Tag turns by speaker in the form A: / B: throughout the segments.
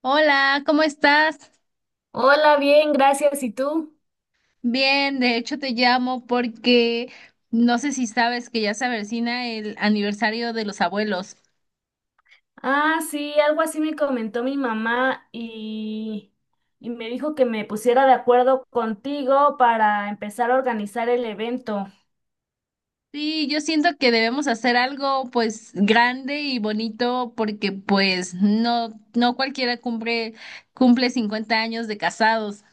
A: Hola, ¿cómo estás?
B: Hola, bien, gracias. ¿Y tú?
A: Bien, de hecho te llamo porque no sé si sabes que ya se avecina el aniversario de los abuelos.
B: Ah, sí, algo así me comentó mi mamá y me dijo que me pusiera de acuerdo contigo para empezar a organizar el evento.
A: Sí, yo siento que debemos hacer algo pues grande y bonito porque pues no cualquiera cumple 50 años de casados.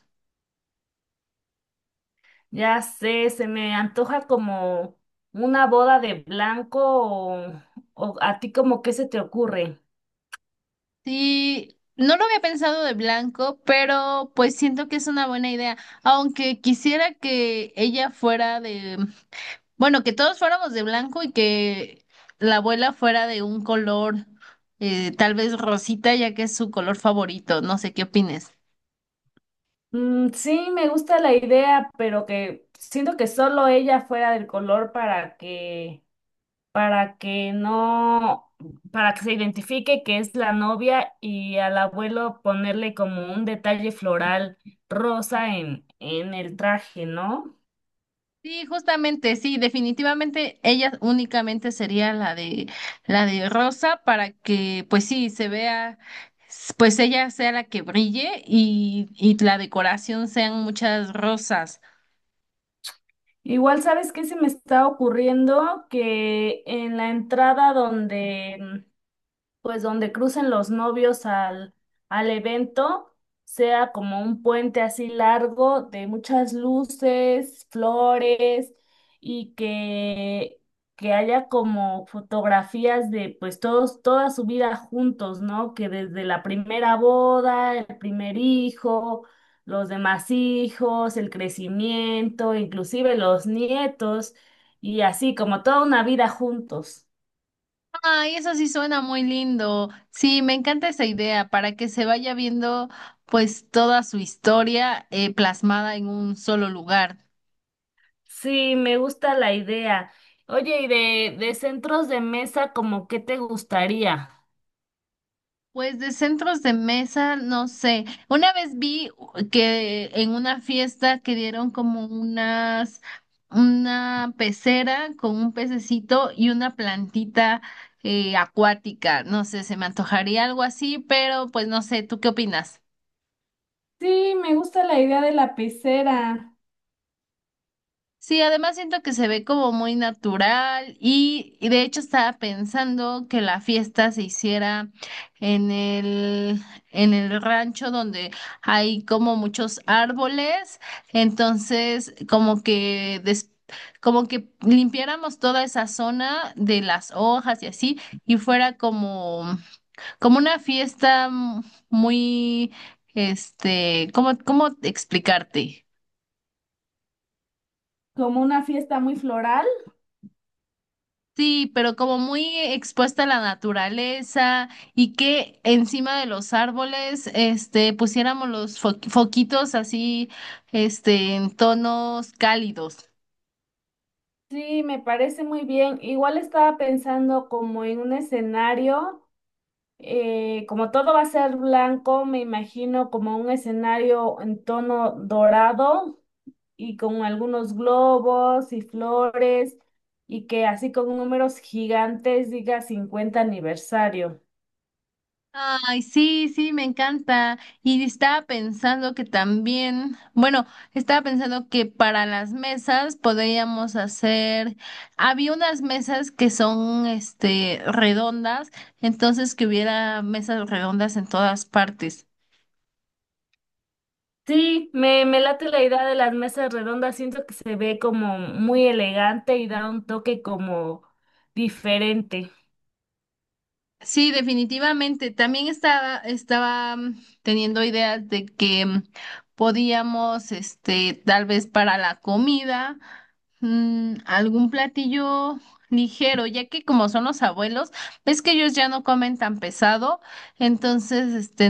B: Ya sé, se me antoja como una boda de blanco o a ti como qué se te ocurre.
A: Sí, no lo había pensado de blanco, pero pues siento que es una buena idea, aunque quisiera que ella fuera de Bueno, que todos fuéramos de blanco y que la abuela fuera de un color, tal vez rosita, ya que es su color favorito. No sé qué opines.
B: Mm, sí, me gusta la idea, pero que siento que solo ella fuera del color para que no, para que se identifique que es la novia, y al abuelo ponerle como un detalle floral rosa en el traje, ¿no?
A: Sí, justamente, sí, definitivamente ella únicamente sería la de rosa para que, pues sí, se vea, pues ella sea la que brille y la decoración sean muchas rosas.
B: Igual, ¿sabes qué se me está ocurriendo? Que en la entrada donde pues donde crucen los novios al evento, sea como un puente así largo de muchas luces, flores y que, que haya como fotografías de pues todos, toda su vida juntos, ¿no? Que desde la primera boda, el primer hijo, los demás hijos, el crecimiento, inclusive los nietos, y así como toda una vida juntos.
A: Ay, eso sí suena muy lindo. Sí, me encanta esa idea para que se vaya viendo pues toda su historia plasmada en un solo lugar.
B: Sí, me gusta la idea. Oye, ¿y de centros de mesa, como qué te gustaría?
A: Pues de centros de mesa, no sé. Una vez vi que en una fiesta que dieron como una pecera con un pececito y una plantita acuática. No sé, se me antojaría algo así, pero pues no sé, ¿tú qué opinas?
B: Sí, me gusta la idea de la pecera,
A: Sí, además siento que se ve como muy natural y de hecho estaba pensando que la fiesta se hiciera en el, en el rancho donde hay como muchos árboles, entonces como que limpiáramos toda esa zona de las hojas y así y fuera como como una fiesta muy ¿cómo explicarte?
B: como una fiesta muy floral.
A: Sí, pero como muy expuesta a la naturaleza y que encima de los árboles, pusiéramos los foquitos así, en tonos cálidos.
B: Sí, me parece muy bien. Igual estaba pensando como en un escenario, como todo va a ser blanco, me imagino como un escenario en tono dorado y con algunos globos y flores, y que así con números gigantes diga 50 aniversario.
A: Ay, sí, sí, me encanta. Y estaba pensando que también, bueno, estaba pensando que para las mesas podríamos hacer, había unas mesas que son, redondas, entonces que hubiera mesas redondas en todas partes.
B: Sí, me late la idea de las mesas redondas, siento que se ve como muy elegante y da un toque como diferente.
A: Sí, definitivamente. También estaba teniendo ideas de que podíamos, tal vez para la comida. Algún platillo ligero, ya que como son los abuelos, ves que ellos ya no comen tan pesado, entonces,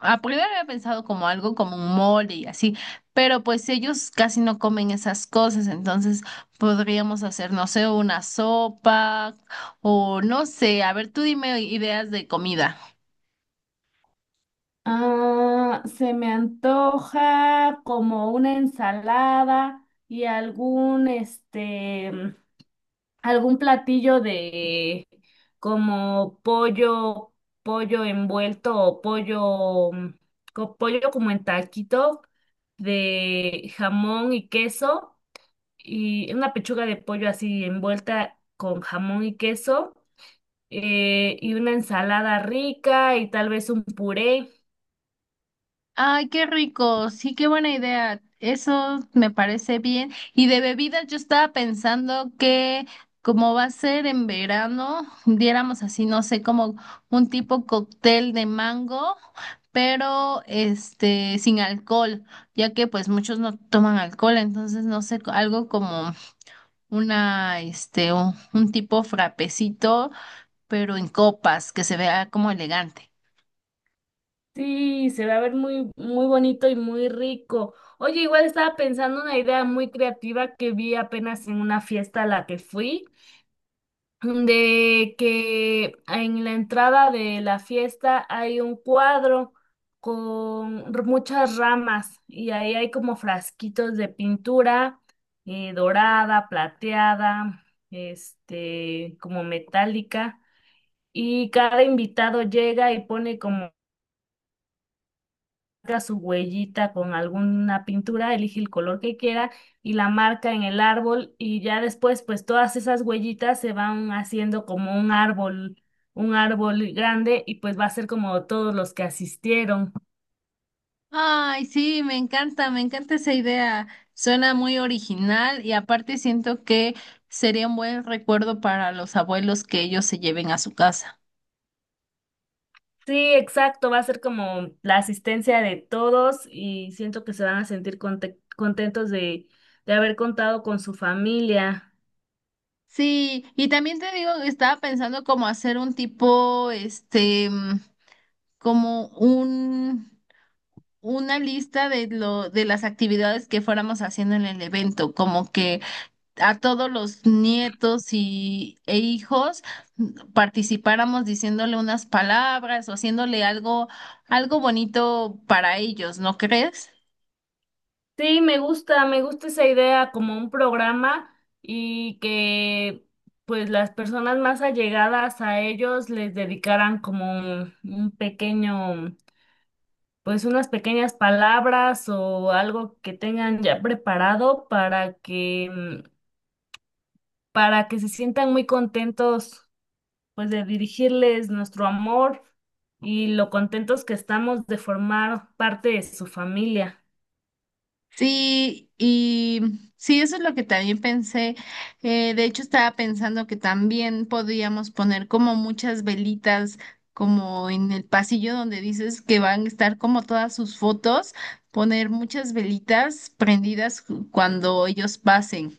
A: a primero había pensado como algo como un mole y así, pero pues ellos casi no comen esas cosas, entonces podríamos hacer, no sé, una sopa o no sé, a ver, tú dime ideas de comida.
B: Ah, se me antoja como una ensalada y algún este algún platillo de como pollo, pollo envuelto o pollo, pollo como en taquito de jamón y queso, y una pechuga de pollo así envuelta con jamón y queso, y una ensalada rica y tal vez un puré.
A: Ay, qué rico. Sí, qué buena idea. Eso me parece bien. Y de bebidas, yo estaba pensando que como va a ser en verano, diéramos así, no sé, como un tipo cóctel de mango, pero este sin alcohol, ya que pues muchos no toman alcohol, entonces no sé, algo como una un tipo frapecito, pero en copas, que se vea como elegante.
B: Sí, se va a ver muy bonito y muy rico. Oye, igual estaba pensando una idea muy creativa que vi apenas en una fiesta a la que fui. De que en la entrada de la fiesta hay un cuadro con muchas ramas, y ahí hay como frasquitos de pintura, dorada, plateada, este, como metálica. Y cada invitado llega y pone como marca su huellita con alguna pintura, elige el color que quiera y la marca en el árbol, y ya después pues todas esas huellitas se van haciendo como un árbol grande, y pues va a ser como todos los que asistieron.
A: Ay, sí, me encanta esa idea. Suena muy original y aparte siento que sería un buen recuerdo para los abuelos que ellos se lleven a su casa.
B: Sí, exacto, va a ser como la asistencia de todos, y siento que se van a sentir contentos de haber contado con su familia.
A: Sí, y también te digo, estaba pensando como hacer un tipo, como un, una lista de las actividades que fuéramos haciendo en el evento, como que a todos los nietos y, e hijos participáramos diciéndole unas palabras o haciéndole algo, algo bonito para ellos, ¿no crees?
B: Sí, me gusta esa idea como un programa, y que pues las personas más allegadas a ellos les dedicaran como un pequeño, pues unas pequeñas palabras o algo que tengan ya preparado mm, para que se sientan muy contentos pues de dirigirles nuestro amor, y lo contentos que estamos de formar parte de su familia.
A: Sí, y sí, eso es lo que también pensé. De hecho, estaba pensando que también podíamos poner como muchas velitas, como en el pasillo donde dices que van a estar como todas sus fotos, poner muchas velitas prendidas cuando ellos pasen.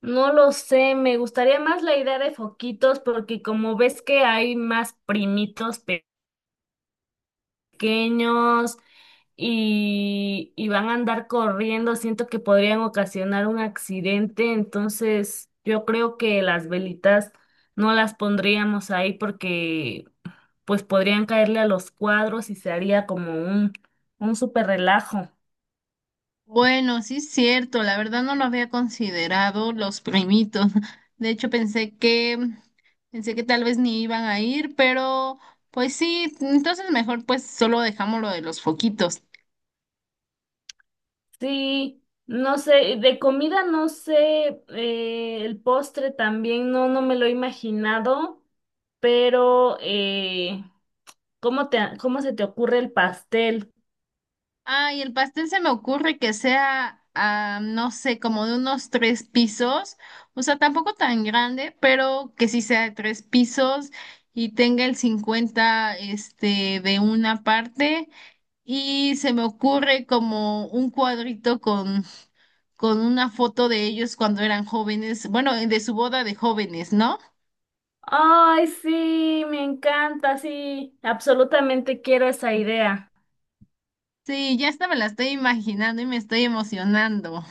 B: No lo sé, me gustaría más la idea de foquitos, porque como ves que hay más primitos pequeños y van a andar corriendo, siento que podrían ocasionar un accidente, entonces yo creo que las velitas no las pondríamos ahí porque pues podrían caerle a los cuadros y se haría como un súper relajo.
A: Bueno, sí es cierto, la verdad no lo había considerado los primitos. De hecho, pensé que tal vez ni iban a ir, pero pues sí, entonces mejor pues solo dejamos lo de los foquitos.
B: Sí, no sé, de comida no sé, el postre también no me lo he imaginado, pero ¿ cómo se te ocurre el pastel?
A: Ah, y el pastel se me ocurre que sea, no sé, como de unos tres pisos, o sea, tampoco tan grande, pero que sí sea de tres pisos y tenga el 50 de una parte. Y se me ocurre como un cuadrito con una foto de ellos cuando eran jóvenes, bueno, de su boda de jóvenes, ¿no?
B: Ay, sí, me encanta, sí, absolutamente quiero esa idea.
A: Sí, ya hasta me la estoy imaginando y me estoy emocionando.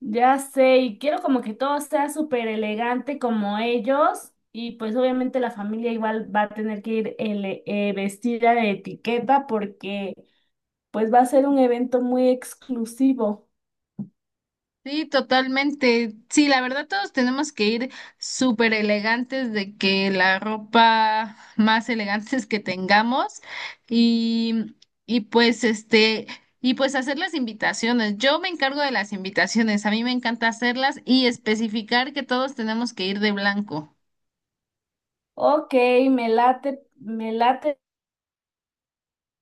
B: Ya sé, y quiero como que todo sea súper elegante como ellos, y pues obviamente la familia igual va a tener que ir vestida de etiqueta porque... Pues va a ser un evento muy exclusivo.
A: Sí, totalmente. Sí, la verdad todos tenemos que ir súper elegantes de que la ropa más elegantes que tengamos y, y pues este, y pues hacer las invitaciones. Yo me encargo de las invitaciones, a mí me encanta hacerlas y especificar que todos tenemos que ir de blanco.
B: Ok, me late, me late,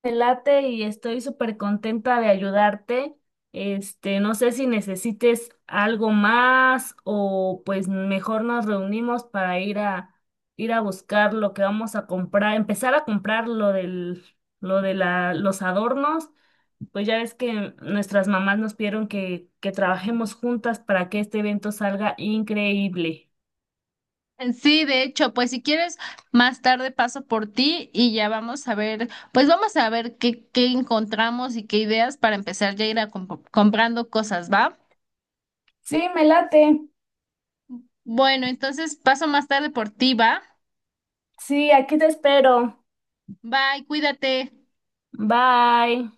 B: me late, y estoy súper contenta de ayudarte. Este, no sé si necesites algo más, o pues mejor nos reunimos para ir a buscar lo que vamos a comprar, empezar a comprar lo del, lo de la, los adornos. Pues ya ves que nuestras mamás nos pidieron que trabajemos juntas para que este evento salga increíble.
A: Sí, de hecho, pues si quieres, más tarde paso por ti y ya vamos a ver, pues vamos a ver qué, qué encontramos y qué ideas para empezar ya a ir a comprando cosas, ¿va?
B: Sí, me late.
A: Bueno, entonces paso más tarde por ti, ¿va?
B: Sí, aquí te espero.
A: Bye, cuídate.
B: Bye.